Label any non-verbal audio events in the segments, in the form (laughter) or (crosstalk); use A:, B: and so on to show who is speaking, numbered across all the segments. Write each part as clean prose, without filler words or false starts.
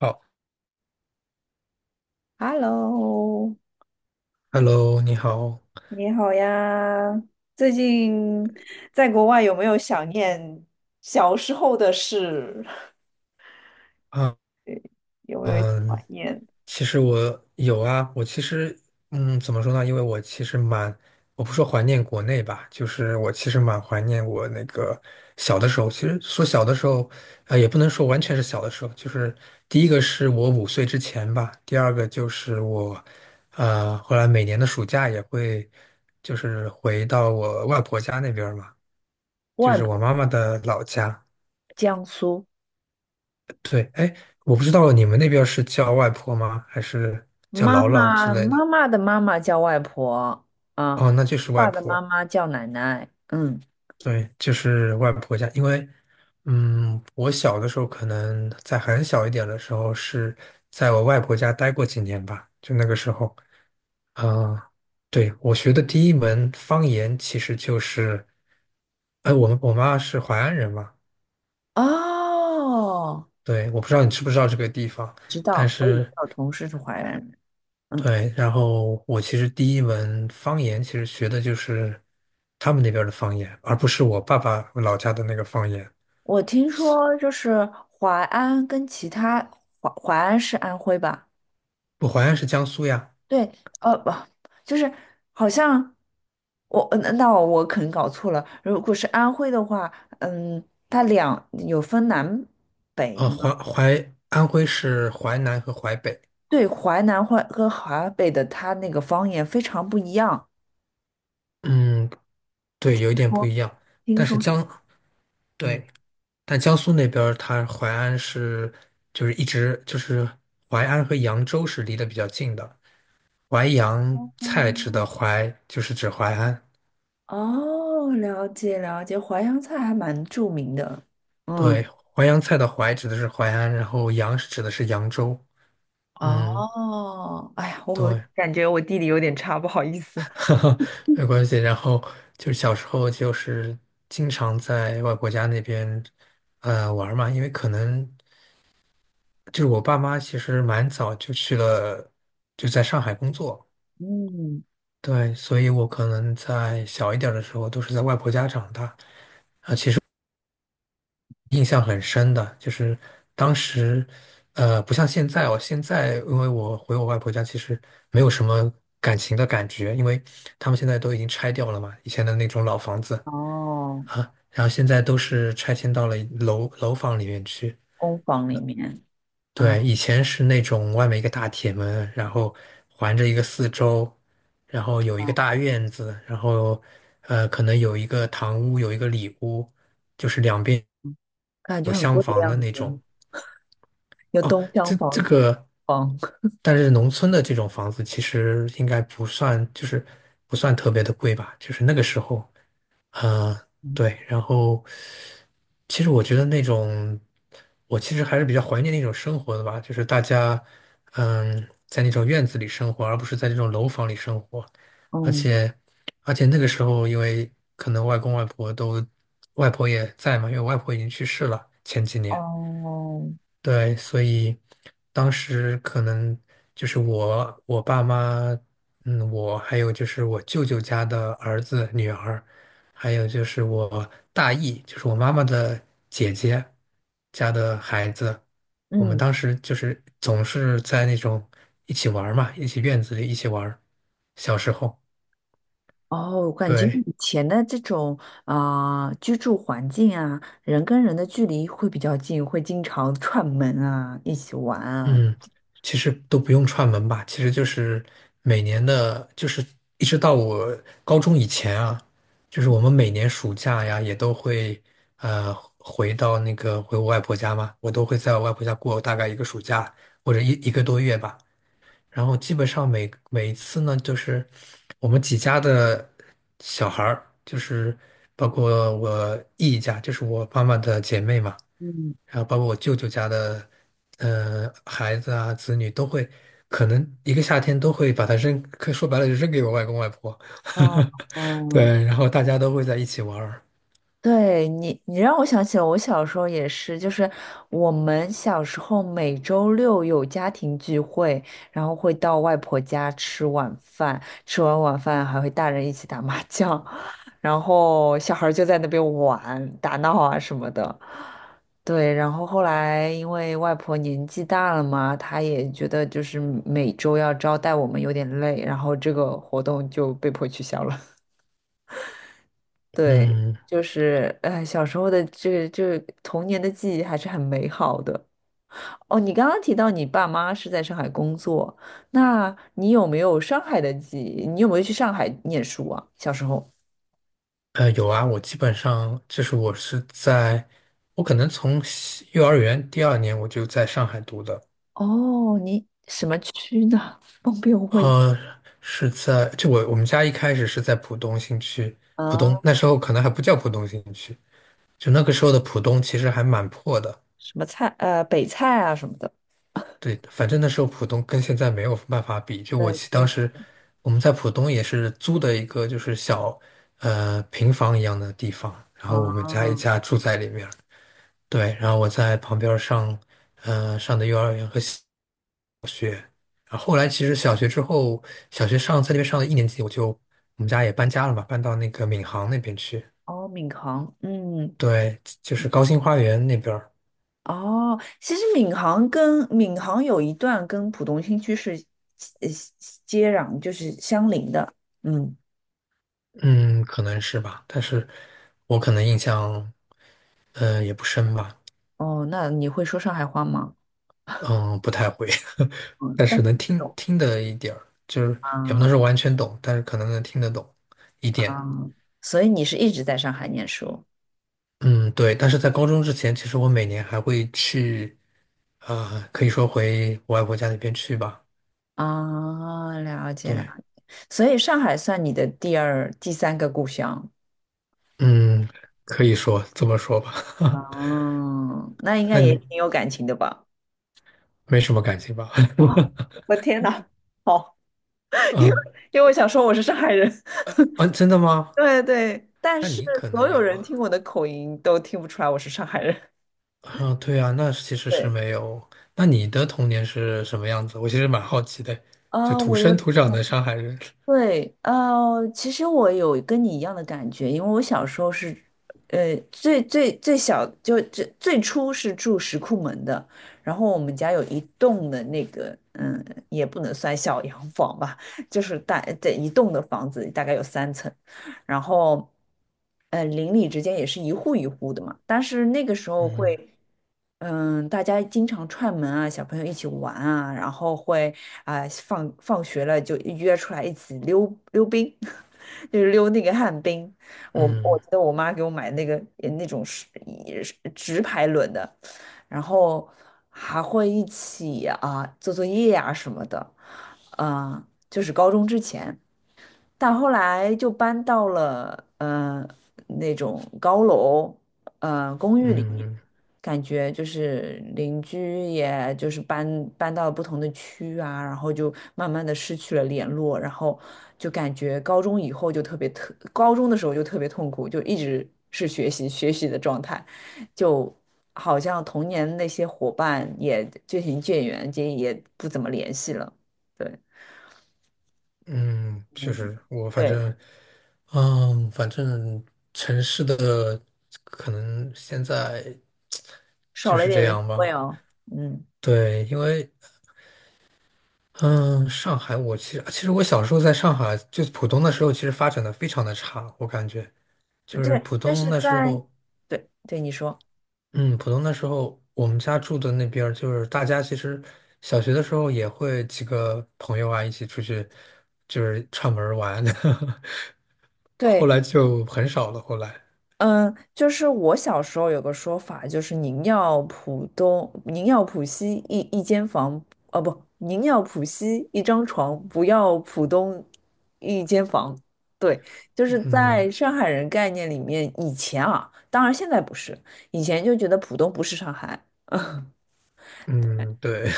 A: 好
B: Hello，
A: ，Hello，你好
B: 你好呀！最近在国外有没有想念小时候的事？
A: 啊，
B: (laughs) 有没有
A: 嗯，
B: 怀念？
A: 其实我有啊，我其实，怎么说呢？因为我其实蛮，我不说怀念国内吧，就是我其实蛮怀念我那个小的时候。其实说小的时候，也不能说完全是小的时候，就是第一个是我5岁之前吧，第二个就是后来每年的暑假也会，就是回到我外婆家那边儿嘛，就
B: 外
A: 是我
B: 婆，
A: 妈妈的老家。
B: 江苏，
A: 对，哎，我不知道你们那边儿是叫外婆吗？还是叫
B: 妈
A: 姥姥之
B: 妈，
A: 类的？
B: 妈妈的妈妈叫外婆啊，
A: 哦，那就是外
B: 爸的妈
A: 婆。
B: 妈叫奶奶。嗯，
A: 对，就是外婆家。因为，我小的时候可能在很小一点的时候是在我外婆家待过几年吧，就那个时候，嗯、对，我学的第一门方言其实就是，哎，我妈是淮安人嘛，
B: 哦，
A: 对，我不知道你知不知道这个地方，
B: 知
A: 但
B: 道，我以前
A: 是。
B: 有同事是淮安人。嗯，
A: 对，然后我其实第一门方言其实学的就是他们那边儿的方言，而不是我爸爸老家的那个方言。
B: 我听说就是淮安跟其他淮安是安徽吧？
A: 我淮安是江苏呀，
B: 对，不，就是好像我，那我可能搞错了。如果是安徽的话，嗯，它两有分南北
A: 淮
B: 吗？
A: 淮安徽是淮南和淮北，
B: 对，淮南淮和华北的，它那个方言非常不一样。
A: 嗯，对，有一点不
B: 说
A: 一样。
B: 听
A: 但是
B: 说是，
A: 江，
B: 嗯，
A: 对，但江苏那边儿它淮安是就是一直就是淮安和扬州是离得比较近的，淮扬菜指的
B: 哦，
A: 淮就是指淮安，
B: 哦，了解了解，淮扬菜还蛮著名的。嗯，
A: 对，淮扬菜的淮指的是淮安，然后扬是指的是扬州。嗯，
B: 哦，哎呀，我
A: 对，
B: 感觉我地理有点差，不好意
A: (laughs)
B: 思。
A: 哈哈，没关系。然后就是小时候就是经常在外婆家那边玩儿嘛，因为可能就是我爸妈其实蛮早就去了，就在上海工作。
B: 嗯，
A: 对，所以我可能在小一点儿的时候都是在外婆家长大。印象很深的，就是当时，不像现在哦，现在因为我回我外婆家，其实没有什么感情的感觉，因为他们现在都已经拆掉了嘛，以前的那种老房子，
B: 哦，
A: 然后现在都是拆迁到了楼房里面去。
B: 工坊里面。嗯，
A: 对，以前是那种外面一个大铁门，然后环着一个四周，然后有一个大院子，然后可能有一个堂屋，有一个里屋，就是两边
B: 感
A: 有
B: 觉很
A: 厢
B: 贵的
A: 房的
B: 样
A: 那种。
B: 子，有
A: 哦，
B: 东厢房、
A: 这
B: 西
A: 个，
B: 房。
A: 但是农村的这种房子其实应该不算，就是不算特别的贵吧，就是那个时候，嗯，
B: 嗯，
A: 对，然后其实我觉得那种，我其实还是比较怀念那种生活的吧，就是大家，嗯，在那种院子里生活，而不是在这种楼房里生活，而
B: 嗯，
A: 且而且那个时候，因为可能外公外婆都，外婆也在嘛，因为我外婆已经去世了前几年。
B: 哦，
A: 对，所以当时可能就是我爸妈，嗯，我还有就是我舅舅家的儿子、女儿，还有就是我大姨，就是我妈妈的姐姐家的孩子，我们
B: 嗯，
A: 当时就是总是在那种一起玩儿嘛，一起院子里一起玩儿小时候，
B: 哦，感觉
A: 对。
B: 以前的这种啊、居住环境啊，人跟人的距离会比较近，会经常串门啊，一起玩啊。
A: 嗯，其实都不用串门吧，其实就是每年的，就是一直到我高中以前啊，就是我们每年暑假呀，也都会呃回到那个回我外婆家嘛，我都会在我外婆家过大概一个暑假或者一个多月吧。然后基本上每一次呢，就是我们几家的小孩儿，就是包括我姨家，就是我妈妈的姐妹嘛。
B: 嗯，
A: 然后包括我舅舅家的，孩子啊、子女都会，可能一个夏天都会把它扔，可以说白了就扔给我外公外婆。
B: 哦，
A: (laughs)
B: 哦，
A: 对，然后大家都会在一起玩儿。
B: 对你让我想起了我小时候也是，就是我们小时候每周六有家庭聚会，然后会到外婆家吃晚饭，吃完晚饭还会大人一起打麻将，(laughs) 然后小孩儿就在那边玩、打闹啊什么的。对，然后后来因为外婆年纪大了嘛，她也觉得就是每周要招待我们有点累，然后这个活动就被迫取消了。对，
A: 嗯，
B: 就是哎，小时候的这个童年的记忆还是很美好的。哦，你刚刚提到你爸妈是在上海工作，那你有没有上海的记忆？你有没有去上海念书啊？小时候？
A: 有啊，我基本上就是我是在，我可能从西幼儿园第二年我就在上海读的，
B: 哦，你什么区呢？(laughs) 方便问
A: 呃，是在就我我们家一开始是在浦东新区，浦东
B: 啊？
A: 那时候可能还不叫浦东新区，就那个时候的浦东其实还蛮破的。
B: 什么菜？北菜啊什么的。
A: 对，反正那时候浦东跟现在没有办法比。就我
B: 对，
A: 记
B: 确
A: 当时
B: 实。
A: 我们在浦东也是租的一个就是小平房一样的地方，然后我们家一
B: 啊，
A: 家住在里面。对，然后我在旁边儿上的幼儿园然后后来其实小学之后，小学上在那边上了一年级，我们家也搬家了嘛，搬到那个闵行那边去。
B: 哦，闵行，嗯，
A: 对，就是高新花园那边儿
B: 哦，其实闵行有一段跟浦东新区是呃接壤，就是相邻的。嗯，
A: 嗯，可能是吧，但是我可能印象也不深吧。
B: 哦，那你会说上海话吗？
A: 嗯，不太会，(laughs)
B: 嗯，
A: 但
B: 但
A: 是能
B: 听不懂
A: 听得一点儿，就是也不能
B: 啊
A: 说完全懂，但是可能能听得懂一
B: 啊，
A: 点。
B: 所以你是一直在上海念书
A: 嗯，对。但是在高中之前，其实我每年还会去，啊、可以说回我外婆家那边去吧。
B: 啊？了解了
A: 对，
B: 解，所以上海算你的第二、第三个故乡。
A: 嗯，可以说这么说吧。(laughs)
B: 嗯，那应该
A: 那
B: 也
A: 你
B: 挺有感情的吧？
A: 没什么感情吧？
B: (laughs) 我天哪，好，
A: (laughs) 嗯
B: 因为我想说我是上海人。
A: 啊，真的吗？
B: 对对，但
A: 那
B: 是
A: 你可
B: 所
A: 能
B: 有
A: 有
B: 人
A: 啊。
B: 听我的口音都听不出来我是上海人。(laughs)
A: 啊，对啊，那其实是
B: 对，
A: 没有。那你的童年是什么样子？我其实蛮好奇的，就
B: 啊、
A: 土
B: 我的
A: 生土长
B: 同，
A: 的上海人。
B: 对，其实我有跟你一样的感觉，因为我小时候是，最小就最初是住石库门的，然后我们家有一栋的那个，嗯，也不能算小洋房吧，就是大，对，一栋的房子大概有三层。然后，邻里之间也是一户一户的嘛。但是那个时候
A: 嗯
B: 会，嗯，大家经常串门啊，小朋友一起玩啊，然后会啊、放学了就约出来一起溜溜冰，(laughs) 就是溜那个旱冰。我
A: 嗯
B: 记得我妈给我买那个那种是也是直排轮的，然后还会一起啊、做作业啊什么的，啊、就是高中之前。但后来就搬到了那种高楼公寓里面，
A: 嗯
B: 感觉就是邻居也就是搬到了不同的区啊，然后就慢慢的失去了联络，然后就感觉高中以后就特别特，高中的时候就特别痛苦，就一直是学习学习的状态，就好像童年那些伙伴也渐行渐远，也不怎么联系了。对。
A: 嗯，确
B: 嗯，
A: 实，我反
B: 对，
A: 正，嗯，反正城市的可能现在
B: 少
A: 就
B: 了一
A: 是
B: 点
A: 这
B: 人情
A: 样
B: 味
A: 吧。
B: 哦。嗯，
A: 对，因为嗯，上海我其实我小时候在上海，就浦东的时候，其实发展的非常的差，我感觉就是
B: 对，
A: 浦
B: 就
A: 东
B: 是
A: 那时
B: 在，
A: 候。
B: 对对，你说，
A: 嗯，浦东的时候，我们家住的那边儿就是大家其实小学的时候也会几个朋友啊一起出去，就是串门儿玩，(laughs)
B: 对，
A: 后来就很少了。后来，
B: 嗯，就是我小时候有个说法，就是宁要浦东，宁要浦西一间房，哦不，宁要浦西一张床，不要浦东一间房。对，就是
A: 嗯
B: 在上海人概念里面，以前啊，当然现在不是，以前就觉得浦东不是上海，(laughs)
A: 嗯，对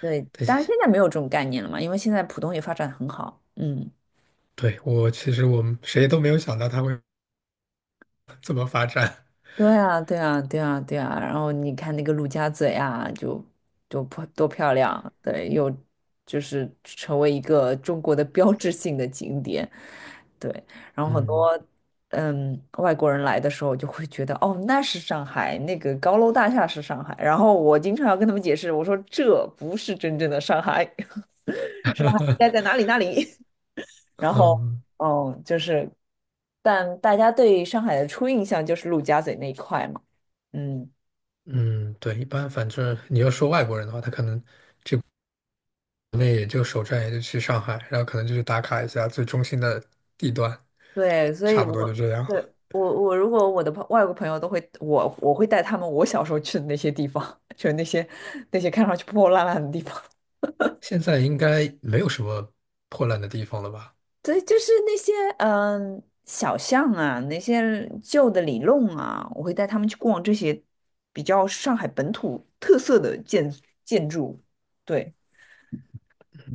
B: 对，当然现在没有这种概念了嘛，因为现在浦东也发展很好，嗯。
A: (laughs) 对，我其实我们谁都没有想到它会 (laughs) 这么发展。
B: 对啊，对啊，对啊，对啊。然后你看那个陆家嘴啊，就多漂亮，对，又就是成为一个中国的标志性的景点，对。然后很
A: 嗯
B: 多嗯外国人来的时候就会觉得，哦，那是上海，那个高楼大厦是上海。然后我经常要跟他们解释，我说这不是真正的上海，(laughs) 上海应该在
A: (laughs)
B: 哪里哪里。然后，
A: 嗯
B: 嗯，就是，但大家对上海的初印象就是陆家嘴那一块嘛，嗯，
A: 嗯，对，一般反正你要说外国人的话，他可能那也就首站也就去上海，然后可能就去打卡一下最中心的地段，
B: 对，所以
A: 差不多就
B: 我
A: 这样。
B: 对我如果我的外国朋友都会，我会带他们我小时候去的那些地方，(laughs) 就是那些看上去破破烂烂的地方。(laughs)
A: 现在应该没有什么破烂的地方了吧？
B: 对，就是那些嗯小巷啊，那些旧的里弄啊，我会带他们去逛这些比较上海本土特色的建筑。对。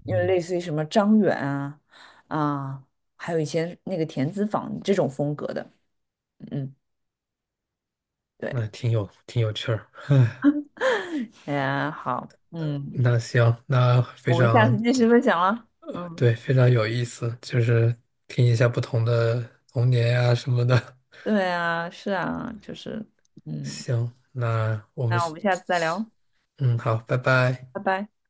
B: 因为
A: 嗯，
B: 类似于什么张远啊啊，还有一些那个田子坊这种风格的，嗯，对，
A: 那挺有趣儿。
B: 哎呀，好，嗯，
A: 那行，那非
B: 我们下
A: 常，
B: 次继续分享了，嗯，
A: 对，非常有意思，就是听一下不同的童年呀、什么的。
B: 对啊，是啊，就是，
A: (laughs)
B: 嗯，
A: 行，那我们，
B: 那我们下次再聊，
A: 嗯，好，拜拜。
B: 拜拜。